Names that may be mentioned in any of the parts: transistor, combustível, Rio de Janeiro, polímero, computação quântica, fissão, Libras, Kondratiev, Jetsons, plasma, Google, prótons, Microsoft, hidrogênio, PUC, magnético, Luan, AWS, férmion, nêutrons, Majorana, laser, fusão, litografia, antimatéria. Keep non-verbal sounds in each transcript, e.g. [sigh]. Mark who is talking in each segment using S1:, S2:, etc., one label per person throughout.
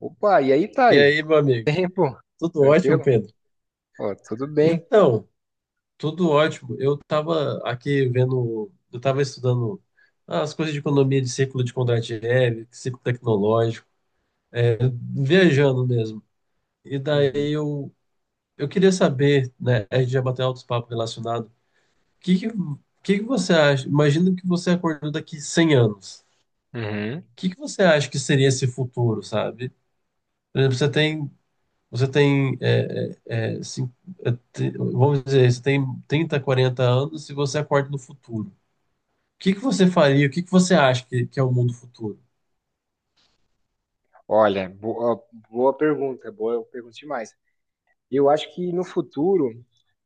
S1: Opa, e aí,
S2: E
S1: Thay?
S2: aí, meu amigo?
S1: Tempo?
S2: Tudo ótimo,
S1: Tranquilo?
S2: Pedro?
S1: Ó, tudo bem.
S2: Então, tudo ótimo. Eu estava aqui vendo, eu estava estudando as coisas de economia de ciclo de Kondratiev, ciclo tecnológico, é, viajando mesmo. E daí
S1: Uhum.
S2: eu, eu queria saber, né, a gente já bateu altos papos relacionados. O que que você acha? Imagina que você acordou daqui 100 anos.
S1: Uhum.
S2: O que que você acha que seria esse futuro, sabe? Por exemplo, Você tem, é, é, é, cin- vamos dizer, você tem 30, 40 anos e você acorda no futuro. O que que você faria? O que que você acha que é o mundo futuro?
S1: Olha, boa, boa pergunta demais. Eu acho que no futuro,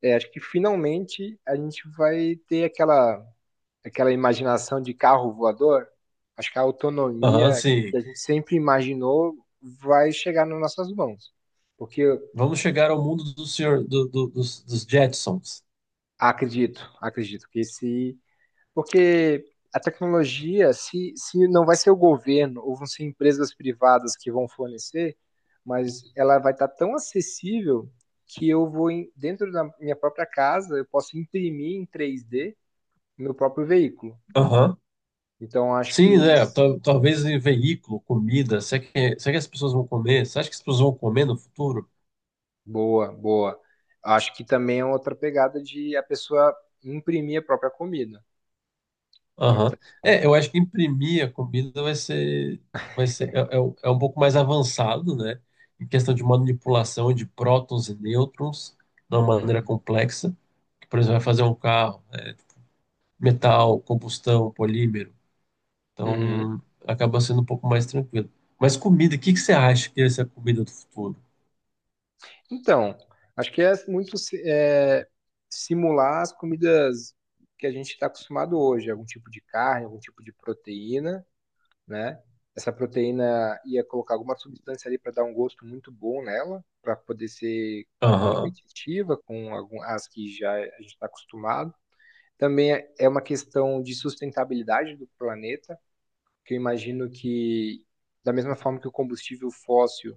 S1: acho que finalmente a gente vai ter aquela, aquela imaginação de carro voador. Acho que a
S2: Aham,
S1: autonomia
S2: sim.
S1: que a gente sempre imaginou vai chegar nas nossas mãos. Porque eu
S2: Vamos chegar ao mundo do senhor, dos Jetsons.
S1: acredito que esse. Porque a tecnologia, se não vai ser o governo ou vão ser empresas privadas que vão fornecer, mas ela vai estar tão acessível que eu vou, dentro da minha própria casa, eu posso imprimir em 3D meu próprio veículo.
S2: Aham.
S1: Então, acho
S2: Sim,
S1: que.
S2: né? Talvez em veículo, comida. Será que as pessoas vão comer? Você acha que as pessoas vão comer no futuro?
S1: Boa, boa. Acho que também é outra pegada de a pessoa imprimir a própria comida.
S2: Aham.
S1: Então.
S2: É, eu acho que imprimir a comida vai ser, vai ser um pouco mais avançado, né? Em questão de manipulação de prótons e nêutrons de uma maneira complexa. Por exemplo, vai fazer um carro, né? Metal, combustão, polímero.
S1: Uhum.
S2: Então, acaba sendo um pouco mais tranquilo. Mas comida, o que que você acha que ia ser a comida do futuro?
S1: Então, acho que é muito si- é, simular as comidas que a gente está acostumado hoje, algum tipo de carne, algum tipo de proteína, né? Essa proteína ia colocar alguma substância ali para dar um gosto muito bom nela, para poder ser
S2: Aham.
S1: competitiva com algum, as que já a gente está acostumado. Também é uma questão de sustentabilidade do planeta, que eu imagino que, da mesma forma que o combustível fóssil,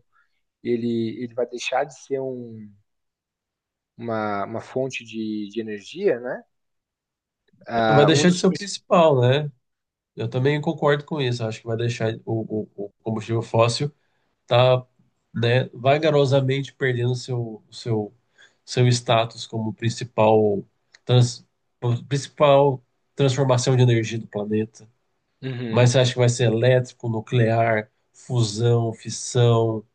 S1: ele vai deixar de ser um uma fonte de energia, né?
S2: Vai
S1: Ah, um
S2: deixar de
S1: dos.
S2: ser o
S1: princ-
S2: principal, né? Eu também concordo com isso. Acho que vai deixar o combustível fóssil, tá, né, vagarosamente perdendo seu status como principal, trans, principal transformação de energia do planeta. Mas
S1: Uhum.
S2: você acha que vai ser elétrico, nuclear, fusão, fissão?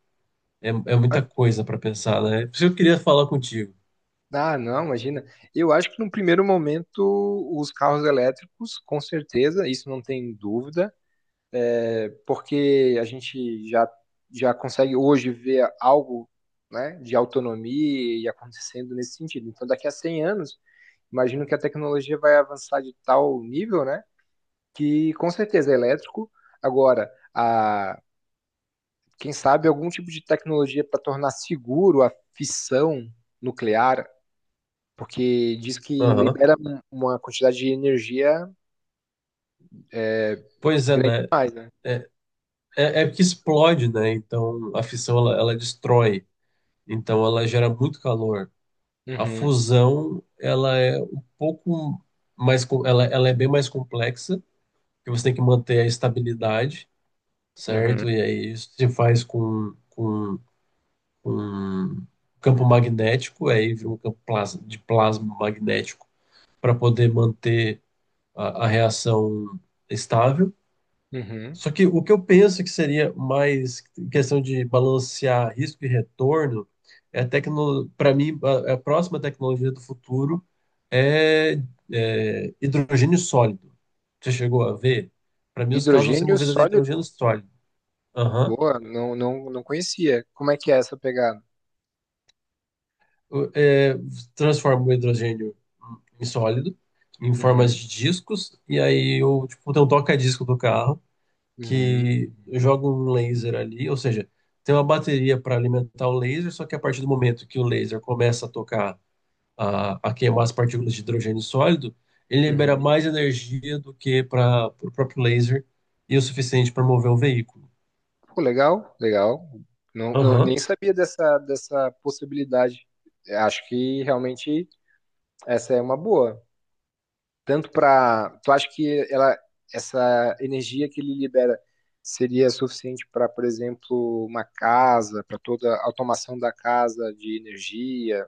S2: É, é muita coisa para pensar, né? Por isso que eu queria falar contigo.
S1: Ah, não, imagina. Eu acho que no primeiro momento os carros elétricos, com certeza, isso não tem dúvida, porque já consegue hoje ver algo, né, de autonomia e acontecendo nesse sentido. Então, daqui a 100 anos, imagino que a tecnologia vai avançar de tal nível, né, que com certeza é elétrico. Agora, a, Quem sabe algum tipo de tecnologia para tornar seguro a fissão nuclear, porque diz que
S2: Aham.
S1: libera uma quantidade de energia
S2: Pois é,
S1: grande
S2: né?
S1: demais, né?
S2: É, é que explode, né? Então a fissão ela destrói, então ela gera muito calor. A
S1: Uhum,
S2: fusão, ela é um pouco mais, ela é bem mais complexa, porque você tem que manter a estabilidade,
S1: uhum,
S2: certo? E aí isso se faz com campo magnético, aí vira um campo de plasma magnético para poder manter a reação estável.
S1: uhum.
S2: Só que o que eu penso que seria mais questão de balancear risco e retorno é para mim a próxima tecnologia do futuro é, é hidrogênio sólido. Você chegou a ver? Para mim os carros vão ser
S1: Hidrogênio
S2: movidos a hidrogênio
S1: sólido?
S2: sólido. Aham.
S1: Boa, não, não, não conhecia. Como é que é essa pegada?
S2: O- é, transforma o hidrogênio em sólido, em formas
S1: Uhum,
S2: de discos, e aí eu, tipo, tem um toca-disco do carro,
S1: uhum,
S2: que joga um laser ali, ou seja, tem uma bateria para alimentar o laser, só que a partir do momento que o laser começa a tocar, a queimar as partículas de hidrogênio sólido, ele libera
S1: uhum.
S2: mais energia do que para o próprio laser e o suficiente para mover um veículo.
S1: Pô, legal, legal. Não, não,
S2: Aham.
S1: nem sabia dessa, dessa possibilidade. É. Acho que realmente essa é uma boa, tanto para. Tu acha que ela, essa energia que ele libera seria suficiente para, por exemplo, uma casa, para toda a automação da casa de energia,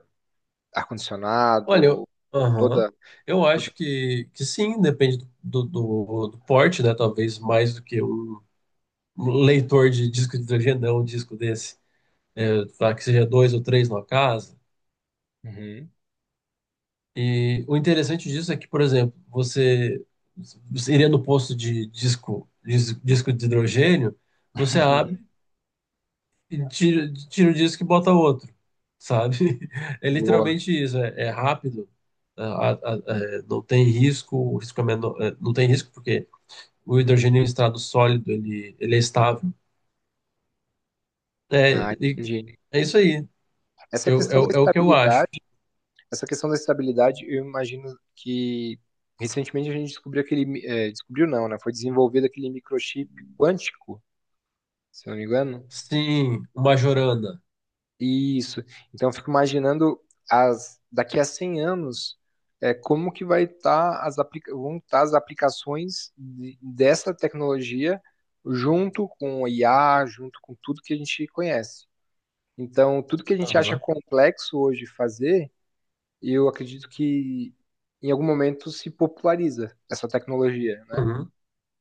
S2: Olha,
S1: ar-condicionado,
S2: aham.
S1: toda.
S2: Eu
S1: Toda...
S2: acho que sim, depende do porte, né? Talvez mais do que um um leitor de disco de hidrogênio, não um disco desse. É, tá, que seja dois ou três no casa.
S1: Uhum.
S2: E o interessante disso é que, por exemplo, você iria no posto de disco, disco de hidrogênio, você abre
S1: [laughs]
S2: e tira, tira o disco e bota outro, sabe? [laughs] É
S1: Boa.
S2: literalmente isso, é rápido, é, a- a- não tem risco, o risco é menor, é, não tem risco porque o hidrogênio em estado sólido, ele é estável. É,
S1: Ah,
S2: e
S1: entendi.
S2: é isso aí.
S1: Essa
S2: Eu, é,
S1: questão da
S2: o É o que eu acho.
S1: estabilidade, Essa questão da estabilidade, eu imagino que recentemente a gente descobriu aquele, descobriu não, né? Foi desenvolvido aquele microchip quântico, se eu não me engano.
S2: Sim, uma jorana.
S1: Isso. Então, eu fico imaginando daqui a 100 anos, como que vai estar vão estar as aplicações dessa tecnologia junto com o IA, junto com tudo que a gente conhece. Então, tudo que a gente acha
S2: Aham.
S1: complexo hoje fazer, eu acredito que em algum momento se populariza essa tecnologia, né?
S2: Uhum.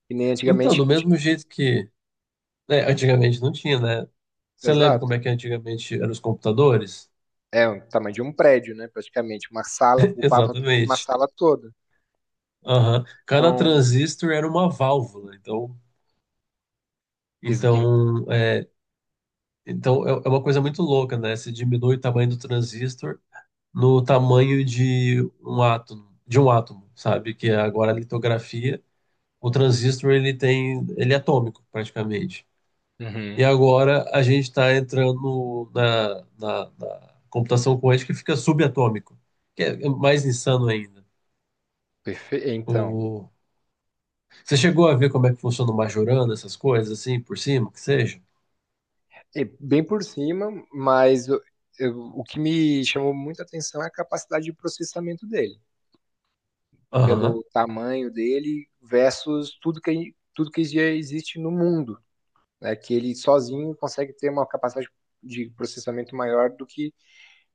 S1: Que nem
S2: Então,
S1: antigamente
S2: do
S1: não
S2: mesmo
S1: tinha.
S2: jeito que É, antigamente não tinha, né? Você lembra
S1: Exato.
S2: como é que antigamente eram os computadores?
S1: É o tamanho de um prédio, né? Praticamente uma sala,
S2: [laughs]
S1: ocupava o tamanho de uma
S2: Exatamente.
S1: sala toda.
S2: Aham. Cada
S1: Então.
S2: transistor era uma válvula.
S1: Ex-.
S2: Então, é, então, é uma coisa muito louca, né? Você diminui o tamanho do transistor no tamanho de um átomo, sabe? Que é agora a litografia, o transistor ele tem, ele é atômico praticamente. E
S1: Uhum.
S2: agora a gente está entrando na computação quântica que fica subatômico, que é mais insano ainda.
S1: Perfe-. Então,
S2: O... Você chegou a ver como é que funciona o Majorana, essas coisas assim, por cima, que seja?
S1: é bem por cima, mas o que me chamou muita atenção é a capacidade de processamento dele,
S2: Aham,
S1: pelo tamanho dele versus tudo que já existe no mundo, né? Que ele sozinho consegue ter uma capacidade de processamento maior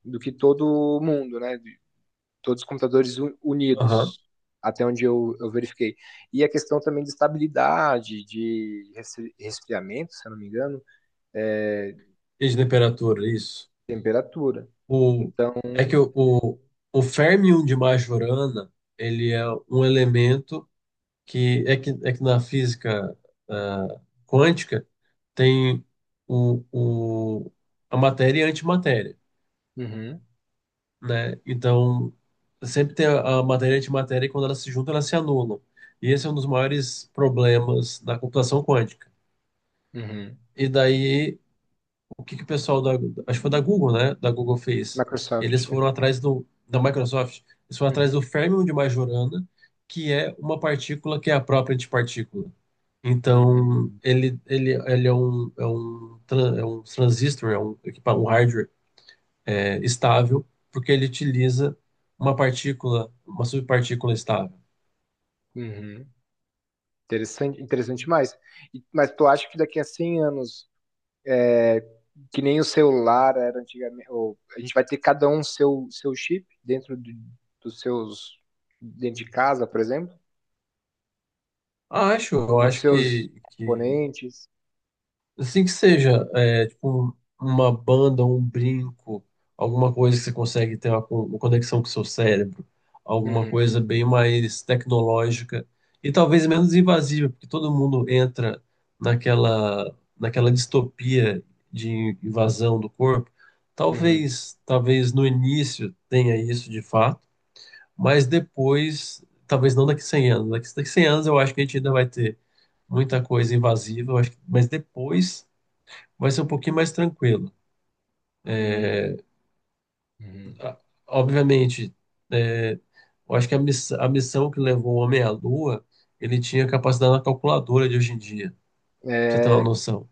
S1: do que todo o mundo, né? De todos os computadores
S2: aham.
S1: unidos, até onde eu verifiquei. E a questão também de estabilidade, de resfriamento, se eu não me engano é,
S2: E de temperatura, isso.
S1: temperatura.
S2: O...
S1: Então.
S2: É que o férmion de Majorana, ele é um elemento que na física, ah, quântica tem o, o, a matéria e a antimatéria,
S1: Uhum.
S2: né? Então, sempre tem a matéria e antimatéria e quando elas se juntam, elas se anulam. E esse é um dos maiores problemas da computação quântica.
S1: Uhum.
S2: E daí, o que que o pessoal da, acho que foi da Google, né? Da Google fez.
S1: Microsoft.
S2: Eles foram atrás da Microsoft, eles foram atrás do
S1: Uhum.
S2: férmion de Majorana, que é uma partícula que é a própria antipartícula. Então,
S1: Uhum.
S2: ele é um transistor, um hardware, é, estável, porque ele utiliza uma partícula, uma subpartícula estável.
S1: Uhum. Interessante, interessante mais. E. Mas tu acha que daqui a 100 anos, é, que nem o celular era antigamente, ou a gente vai ter cada um seu chip dos seus, dentro de casa, por exemplo,
S2: Ah, eu
S1: nos
S2: acho
S1: seus
S2: que
S1: componentes.
S2: assim que seja, é, tipo, uma banda, um brinco, alguma coisa que você consegue ter uma conexão com o seu cérebro, alguma
S1: Uhum.
S2: coisa bem mais tecnológica e talvez menos invasiva, porque todo mundo entra naquela distopia de invasão do corpo.
S1: Uhum.
S2: Talvez no início tenha isso de fato, mas depois, talvez não daqui a 100 anos. Daqui a 100 anos eu acho que a gente ainda vai ter muita coisa invasiva, eu acho que- mas depois vai ser um pouquinho mais tranquilo.
S1: Uhum. Uhum.
S2: Ah, obviamente, é, eu acho que a missão que levou o homem à Lua, ele tinha capacidade na calculadora de hoje em dia, pra você ter uma
S1: é,
S2: noção.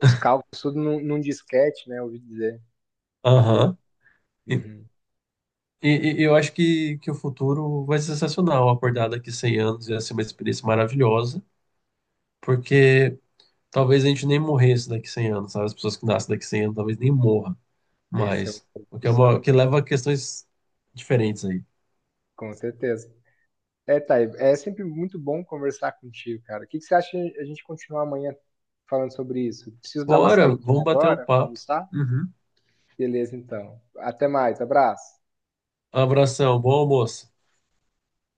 S1: os cálculos, tudo num disquete, né? Eu ouvi dizer. Que.
S2: Aham. E,
S1: Uhum.
S2: e eu acho que o futuro vai ser sensacional. Acordar daqui 100 anos ia ser uma experiência maravilhosa, porque talvez a gente nem morresse daqui 100 anos, sabe? As pessoas que nascem daqui 100 anos talvez nem morram,
S1: Essa é
S2: mas
S1: uma
S2: o que, é uma,
S1: discussão,
S2: o que leva a questões diferentes aí.
S1: com certeza. É, Thay, é sempre muito bom conversar contigo, cara. O que que você acha a gente continuar amanhã falando sobre isso? Preciso dar uma
S2: Bora,
S1: saída
S2: vamos bater um
S1: agora para
S2: papo.
S1: almoçar?
S2: Uhum.
S1: Beleza, então. Até mais, abraço.
S2: Abração, bom almoço.